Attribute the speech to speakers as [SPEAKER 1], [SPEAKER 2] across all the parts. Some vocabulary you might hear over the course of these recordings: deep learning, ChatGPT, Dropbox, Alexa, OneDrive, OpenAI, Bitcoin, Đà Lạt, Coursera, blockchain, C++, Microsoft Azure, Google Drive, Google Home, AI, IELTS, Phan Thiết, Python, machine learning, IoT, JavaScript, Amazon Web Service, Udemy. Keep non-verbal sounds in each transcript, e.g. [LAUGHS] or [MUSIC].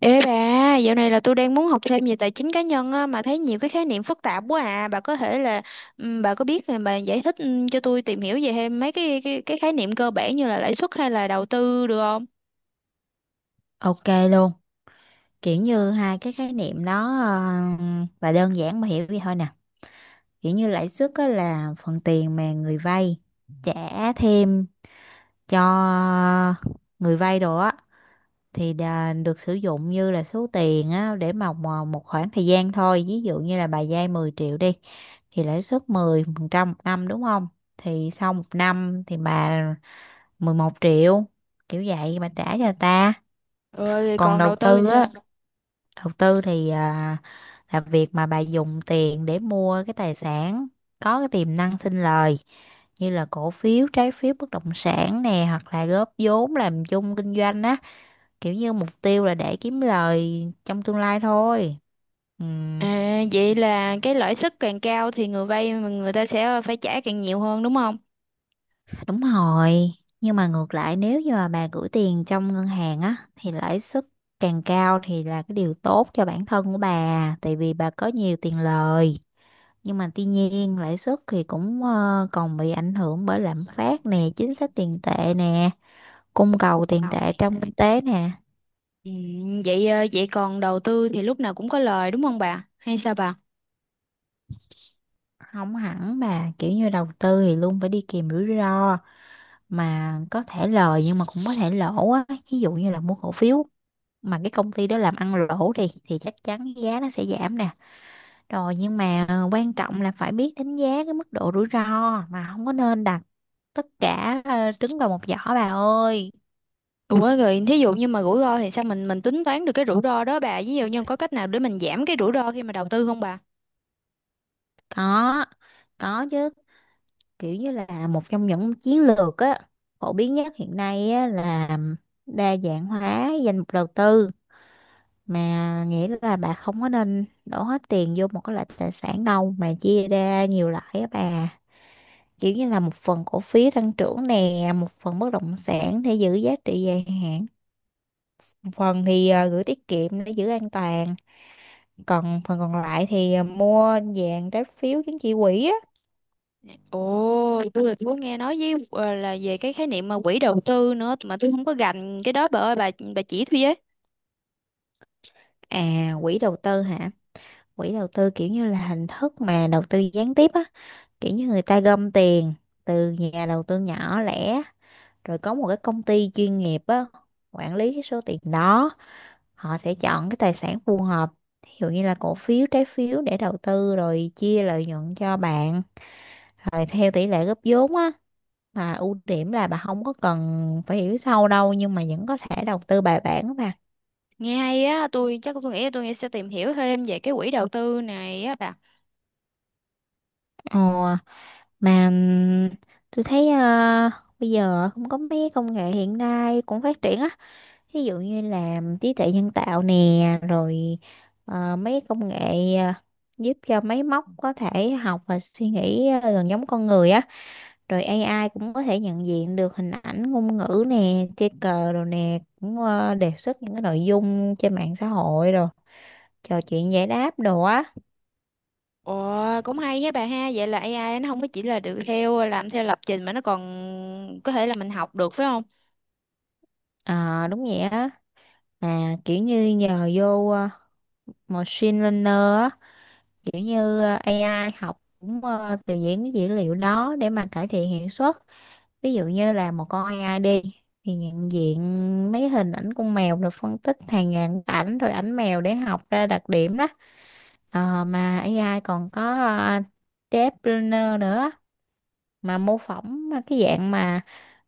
[SPEAKER 1] Ê bà, dạo này là tôi đang muốn học thêm về tài chính cá nhân á, mà thấy nhiều cái khái niệm phức tạp quá à. Bà có thể là bà có biết thì bà giải thích cho tôi tìm hiểu về thêm mấy cái khái niệm cơ bản như là lãi suất hay là đầu tư được không?
[SPEAKER 2] Ok luôn, kiểu như hai cái khái niệm đó là đơn giản mà hiểu vậy thôi nè. Kiểu như lãi suất á là phần tiền mà người vay trả thêm cho người vay đồ á thì được sử dụng như là số tiền á để mà một khoảng thời gian thôi. Ví dụ như là bà vay 10 triệu đi thì lãi suất 10% một năm đúng không? Thì sau một năm thì bà 11 triệu kiểu vậy bà trả cho người ta.
[SPEAKER 1] Rồi
[SPEAKER 2] Còn
[SPEAKER 1] còn
[SPEAKER 2] đầu
[SPEAKER 1] đầu tư thì
[SPEAKER 2] tư á,
[SPEAKER 1] sao?
[SPEAKER 2] đầu tư thì là việc mà bà dùng tiền để mua cái tài sản có cái tiềm năng sinh lời, như là cổ phiếu, trái phiếu, bất động sản nè, hoặc là góp vốn làm chung kinh doanh á, kiểu như mục tiêu là để kiếm lời trong tương lai thôi. Ừ.
[SPEAKER 1] À, vậy là cái lãi suất càng cao thì người vay mà người ta sẽ phải trả càng nhiều hơn đúng không?
[SPEAKER 2] Đúng rồi, nhưng mà ngược lại nếu như mà bà gửi tiền trong ngân hàng á thì lãi suất càng cao thì là cái điều tốt cho bản thân của bà, tại vì bà có nhiều tiền lời. Nhưng mà tuy nhiên lãi suất thì cũng còn bị ảnh hưởng bởi lạm phát nè, chính sách tiền tệ nè, cung cầu
[SPEAKER 1] Cục
[SPEAKER 2] tiền
[SPEAKER 1] đầu
[SPEAKER 2] tệ
[SPEAKER 1] thì
[SPEAKER 2] trong kinh tế nè.
[SPEAKER 1] Vậy vậy còn đầu tư thì lúc nào cũng có lời đúng không bà? Hay sao bà?
[SPEAKER 2] Không hẳn bà, kiểu như đầu tư thì luôn phải đi kèm rủi ro, mà có thể lời nhưng mà cũng có thể lỗ á. Ví dụ như là mua cổ phiếu mà cái công ty đó làm ăn lỗ đi thì chắc chắn cái giá nó sẽ giảm nè, rồi nhưng mà quan trọng là phải biết đánh giá cái mức độ rủi ro, mà không có nên đặt tất cả trứng vào một giỏ bà ơi.
[SPEAKER 1] Ủa [LAUGHS] rồi thí dụ như mà rủi ro thì sao mình tính toán được cái rủi ro đó bà, ví dụ như có cách nào để mình giảm cái rủi ro khi mà đầu tư không bà?
[SPEAKER 2] có có chứ, kiểu như là một trong những chiến lược á phổ biến nhất hiện nay á, là đa dạng hóa danh mục đầu tư, mà nghĩa là bà không có nên đổ hết tiền vô một cái loại tài sản đâu, mà chia ra nhiều loại á bà. Kiểu như là một phần cổ phiếu tăng trưởng nè, một phần bất động sản để giữ giá trị dài hạn, một phần thì gửi tiết kiệm để giữ an toàn, còn phần còn lại thì mua vàng, trái phiếu, chứng chỉ quỹ á.
[SPEAKER 1] Ồ, tôi có nghe nói với là về cái khái niệm mà quỹ đầu tư nữa mà tôi không có gành cái đó bà ơi, bà chỉ tôi với.
[SPEAKER 2] À, quỹ đầu tư hả? Quỹ đầu tư kiểu như là hình thức mà đầu tư gián tiếp á, kiểu như người ta gom tiền từ nhà đầu tư nhỏ lẻ rồi có một cái công ty chuyên nghiệp á quản lý cái số tiền đó. Họ sẽ chọn cái tài sản phù hợp, ví dụ như là cổ phiếu, trái phiếu để đầu tư rồi chia lợi nhuận cho bạn rồi theo tỷ lệ góp vốn á. Mà ưu điểm là bà không có cần phải hiểu sâu đâu nhưng mà vẫn có thể đầu tư bài bản mà.
[SPEAKER 1] Nghe hay á, tôi chắc tôi nghĩ sẽ tìm hiểu thêm về cái quỹ đầu tư này á bà.
[SPEAKER 2] ờ, mà ừm, tôi thấy bây giờ cũng có mấy công nghệ hiện nay cũng phát triển á. Ví dụ như là trí tuệ nhân tạo nè, rồi mấy công nghệ giúp cho máy móc có thể học và suy nghĩ gần giống con người á, rồi AI cũng có thể nhận diện được hình ảnh, ngôn ngữ nè, chơi cờ rồi nè, cũng đề xuất những cái nội dung trên mạng xã hội rồi trò chuyện giải đáp đồ á.
[SPEAKER 1] Ồ, cũng hay á bà ha, vậy là AI nó không có chỉ là được theo làm theo lập trình mà nó còn có thể là mình học được phải không?
[SPEAKER 2] Ờ, đúng vậy á. À, kiểu như nhờ vô machine learner á, kiểu như AI học cũng từ những cái dữ liệu đó để mà cải thiện hiệu suất. Ví dụ như là một con AI đi thì nhận diện mấy hình ảnh con mèo rồi phân tích hàng ngàn ảnh, rồi ảnh mèo để học ra đặc điểm đó. Ờ, mà AI còn có uh, deep learner nữa, mà mô phỏng cái dạng mà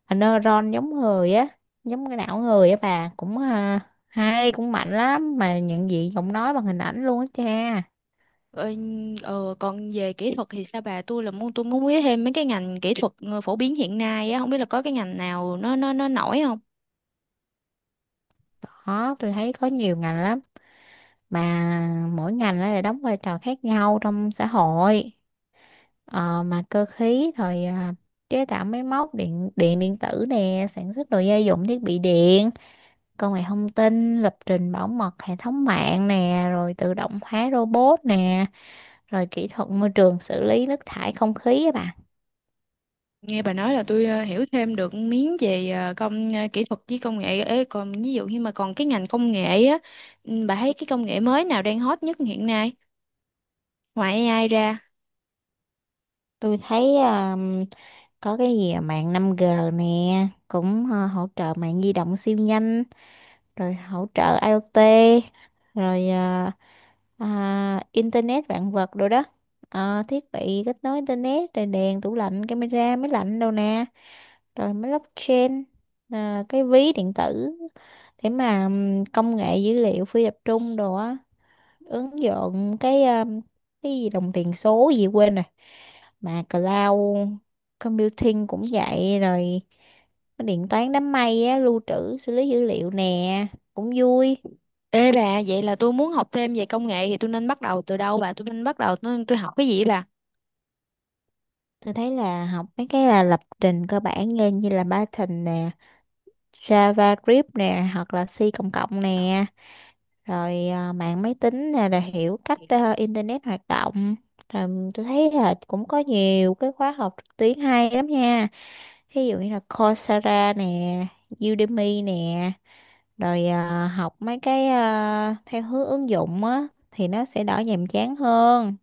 [SPEAKER 2] neuron giống người á, giống cái não người á bà, cũng hay, cũng mạnh lắm, mà nhận diện giọng nói bằng hình ảnh luôn á cha.
[SPEAKER 1] Ờ, còn về kỹ thuật thì sao bà, tôi muốn biết thêm mấy cái ngành kỹ thuật phổ biến hiện nay á, không biết là có cái ngành nào nó nổi không.
[SPEAKER 2] Đó, tôi thấy có nhiều ngành lắm, mà mỗi ngành nó lại đóng vai trò khác nhau trong xã hội. Ờ, mà cơ khí rồi chế tạo máy móc điện điện điện tử nè, sản xuất đồ gia dụng, thiết bị điện, công nghệ thông tin, lập trình, bảo mật hệ thống mạng nè, rồi tự động hóa robot nè, rồi kỹ thuật môi trường xử lý nước thải, không khí á bạn.
[SPEAKER 1] Nghe bà nói là tôi hiểu thêm được miếng về kỹ thuật với công nghệ. Ê, còn ví dụ như mà còn cái ngành công nghệ á, bà thấy cái công nghệ mới nào đang hot nhất hiện nay ngoài AI ra?
[SPEAKER 2] Tôi thấy có cái gì mạng năm g nè cũng hỗ trợ mạng di động siêu nhanh, rồi hỗ trợ IoT rồi internet vạn vật rồi đó. Ờ, thiết bị kết nối internet rồi đèn, tủ lạnh, camera, máy lạnh đâu nè, rồi máy blockchain, à, cái ví điện tử để mà công nghệ dữ liệu phi tập trung đồ á, ứng dụng cái gì đồng tiền số gì quên rồi, mà cloud computing cũng vậy rồi, cái điện toán đám mây á lưu trữ xử lý dữ liệu nè, cũng vui.
[SPEAKER 1] Ê bà, vậy là tôi muốn học thêm về công nghệ thì tôi nên bắt đầu từ đâu bà? Tôi nên bắt đầu tôi học cái gì bà?
[SPEAKER 2] Tôi thấy là học mấy cái là lập trình cơ bản lên, như là Python nè, JavaScript nè, hoặc là C cộng cộng nè, rồi mạng máy tính nè là hiểu cách internet hoạt động. Rồi tôi thấy là cũng có nhiều cái khóa học trực tuyến hay lắm nha. Ví dụ như là Coursera nè, Udemy nè, rồi học mấy cái theo hướng ứng dụng á thì nó sẽ đỡ nhàm chán hơn.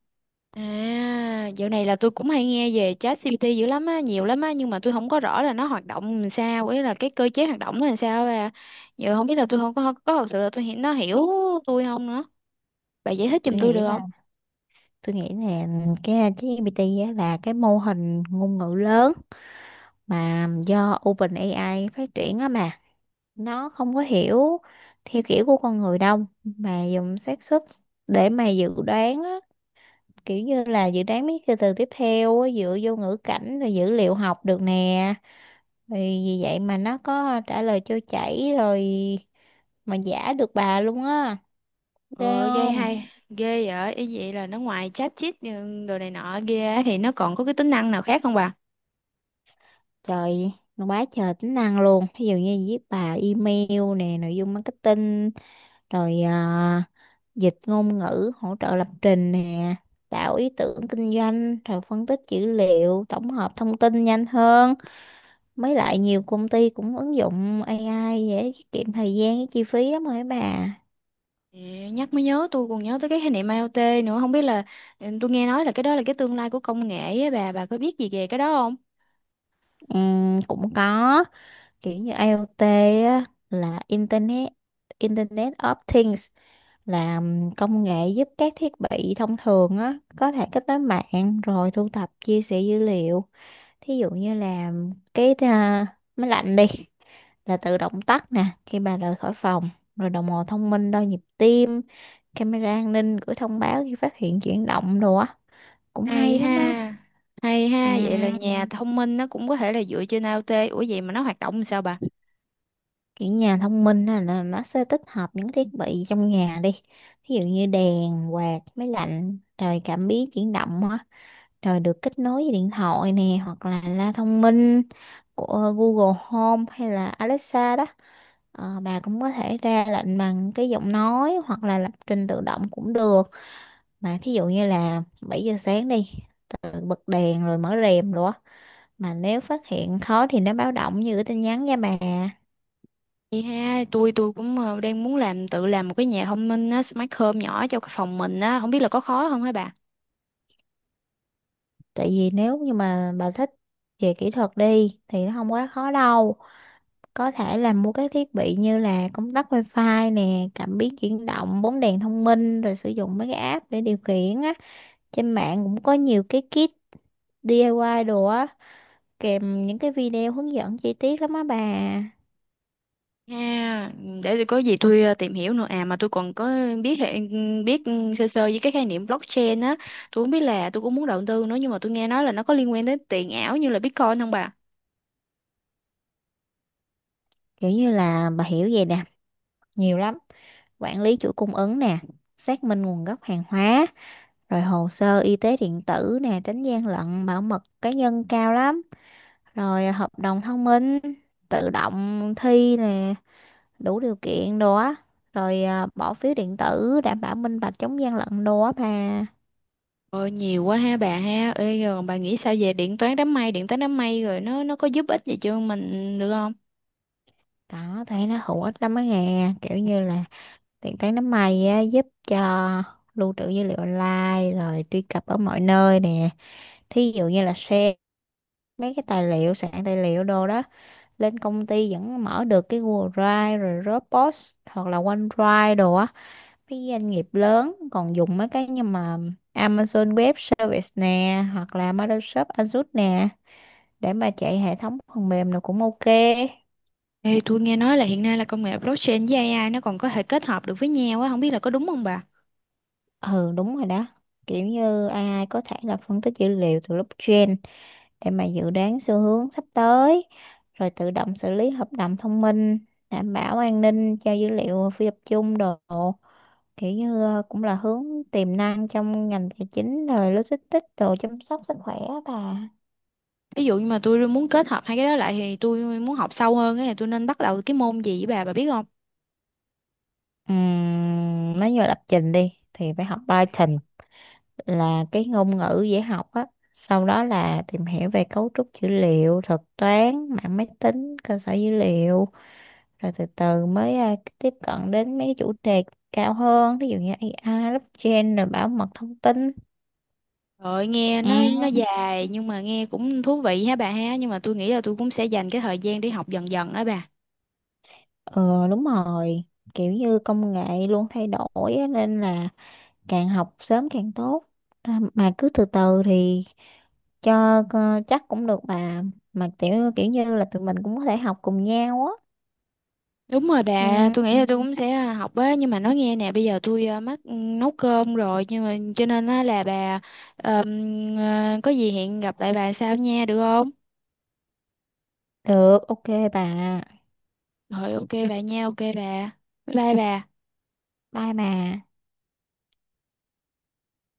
[SPEAKER 1] À, dạo này là tôi cũng hay nghe về ChatGPT dữ lắm á, nhiều lắm á, nhưng mà tôi không có rõ là nó hoạt động làm sao, ấy là cái cơ chế hoạt động nó làm sao à. Giờ không biết là tôi không có có thật sự là nó hiểu tôi không nữa. Bà giải thích giùm
[SPEAKER 2] Tôi
[SPEAKER 1] tôi
[SPEAKER 2] nghĩ
[SPEAKER 1] được không?
[SPEAKER 2] tôi nghĩ là cái ChatGPT á là cái mô hình ngôn ngữ lớn mà do OpenAI phát triển á, mà nó không có hiểu theo kiểu của con người đâu, mà dùng xác suất để mà dự đoán á, kiểu như là dự đoán mấy cái từ tiếp theo á, dựa vô ngữ cảnh rồi dữ liệu học được nè, vì vì vậy mà nó có trả lời trôi chảy rồi, mà giả được bà luôn á. Ghê
[SPEAKER 1] Ờ, ghê
[SPEAKER 2] không?
[SPEAKER 1] hay, ghê vậy, ý vậy là nó ngoài chat chít ừ, đồ này nọ kia thì nó còn có cái tính năng nào khác không bà?
[SPEAKER 2] Trời, nó quá trời tính năng luôn. Ví dụ như viết bài email nè, nội dung marketing, rồi dịch ngôn ngữ, hỗ trợ lập trình nè, tạo ý tưởng kinh doanh, rồi phân tích dữ liệu, tổng hợp thông tin nhanh hơn. Mới lại nhiều công ty cũng ứng dụng AI để tiết kiệm thời gian với chi phí lắm rồi bà.
[SPEAKER 1] Ừ, nhắc mới nhớ tôi còn nhớ tới cái khái niệm IoT nữa, không biết là tôi nghe nói là cái đó là cái tương lai của công nghệ á bà có biết gì về cái đó?
[SPEAKER 2] Cũng có, kiểu như IoT á, là Internet Internet of Things, là công nghệ giúp các thiết bị thông thường á có thể kết nối mạng rồi thu thập chia sẻ dữ liệu. Thí dụ như là cái máy lạnh đi là tự động tắt nè khi bà rời khỏi phòng, rồi đồng hồ thông minh đo nhịp tim, camera an ninh gửi thông báo khi phát hiện chuyển động đồ á, cũng
[SPEAKER 1] Hay
[SPEAKER 2] hay lắm á.
[SPEAKER 1] ha, hay
[SPEAKER 2] Ừ,
[SPEAKER 1] ha, vậy là ừ, nhà thông minh nó cũng có thể là dựa trên IoT. Ủa vậy mà nó hoạt động làm sao bà?
[SPEAKER 2] kiểu nhà thông minh á, là nó sẽ tích hợp những thiết bị trong nhà đi, thí dụ như đèn, quạt, máy lạnh, rồi cảm biến chuyển động á, rồi được kết nối với điện thoại nè, hoặc là loa thông minh của Google Home hay là Alexa đó. Ờ, bà cũng có thể ra lệnh bằng cái giọng nói hoặc là lập trình tự động cũng được, mà thí dụ như là 7 giờ sáng đi tự bật đèn rồi mở rèm rồi á, mà nếu phát hiện khó thì nó báo động như cái tin nhắn nha bà.
[SPEAKER 1] Hay ha, tôi cũng đang muốn làm tự làm một cái nhà thông minh á, smart home nhỏ cho cái phòng mình á, không biết là có khó không hả bà?
[SPEAKER 2] Tại vì nếu như mà bà thích về kỹ thuật đi thì nó không quá khó đâu, có thể là mua các thiết bị như là công tắc wifi nè, cảm biến chuyển động, bóng đèn thông minh, rồi sử dụng mấy cái app để điều khiển á. Trên mạng cũng có nhiều cái kit DIY đồ á, kèm những cái video hướng dẫn chi tiết lắm á bà.
[SPEAKER 1] Ha, để tôi có gì tôi tìm hiểu nữa. À mà tôi còn có biết hệ- biết sơ sơ với cái khái niệm blockchain á, tôi không biết là tôi cũng muốn đầu tư nữa nhưng mà tôi nghe nói là nó có liên quan đến tiền ảo như là Bitcoin không bà?
[SPEAKER 2] Kiểu như là bà hiểu vậy nè, nhiều lắm, quản lý chuỗi cung ứng nè, xác minh nguồn gốc hàng hóa, rồi hồ sơ y tế điện tử nè tránh gian lận bảo mật cá nhân cao lắm, rồi hợp đồng thông minh tự động thi nè đủ điều kiện đồ á, rồi bỏ phiếu điện tử đảm bảo minh bạch chống gian lận đồ á bà.
[SPEAKER 1] Ôi, nhiều quá ha bà ha. Ê, rồi bà nghĩ sao về điện toán đám mây, điện toán đám mây rồi nó có giúp ích gì cho mình được không?
[SPEAKER 2] Đó thấy nó hữu ích lắm á nghe, kiểu như là tiện tay nắm mày á, giúp cho lưu trữ dữ liệu online rồi truy cập ở mọi nơi nè. Thí dụ như là share mấy cái tài liệu, soạn tài liệu đồ đó, lên công ty vẫn mở được, cái Google Drive rồi Dropbox hoặc là OneDrive đồ á, cái doanh nghiệp lớn còn dùng mấy cái như mà Amazon Web Service nè hoặc là Microsoft Azure nè để mà chạy hệ thống phần mềm là cũng ok.
[SPEAKER 1] Ê, tôi nghe nói là hiện nay là công nghệ blockchain với AI nó còn có thể kết hợp được với nhau á, không biết là có đúng không bà?
[SPEAKER 2] Ừ, đúng rồi đó, kiểu như AI có thể là phân tích dữ liệu từ blockchain để mà dự đoán xu hướng sắp tới, rồi tự động xử lý hợp đồng thông minh, đảm bảo an ninh cho dữ liệu phi tập trung đồ, kiểu như cũng là hướng tiềm năng trong ngành tài chính rồi logistics đồ, chăm sóc sức khỏe á bà.
[SPEAKER 1] Ví dụ như mà tôi muốn kết hợp hai cái đó lại thì tôi muốn học sâu hơn ấy, thì tôi nên bắt đầu cái môn gì với bà biết không?
[SPEAKER 2] Nói như là lập trình đi thì phải học Python, là cái ngôn ngữ dễ học á, sau đó là tìm hiểu về cấu trúc dữ liệu, thuật toán, mạng máy tính, cơ sở dữ liệu, rồi từ từ mới tiếp cận đến mấy cái chủ đề cao hơn, ví dụ như AI, blockchain, rồi bảo mật thông tin.
[SPEAKER 1] Rồi nghe
[SPEAKER 2] Ừ.
[SPEAKER 1] nó dài nhưng mà nghe cũng thú vị ha bà ha, nhưng mà tôi nghĩ là tôi cũng sẽ dành cái thời gian để học dần dần á bà.
[SPEAKER 2] Ờ, đúng rồi, kiểu như công nghệ luôn thay đổi á, nên là càng học sớm càng tốt. Mà cứ từ từ thì cho chắc cũng được bà, mà kiểu kiểu như là tụi mình cũng có thể học cùng nhau á.
[SPEAKER 1] Đúng rồi bà,
[SPEAKER 2] Ừ,
[SPEAKER 1] tôi nghĩ là tôi cũng sẽ học á, nhưng mà nói nghe nè, bây giờ tôi mắc nấu cơm rồi, nhưng mà cho nên á là bà có gì hẹn gặp lại bà sau nha được không?
[SPEAKER 2] được ok bà.
[SPEAKER 1] Rồi ok bà nha, ok bà. Bye bà. [LAUGHS]
[SPEAKER 2] Bye bà.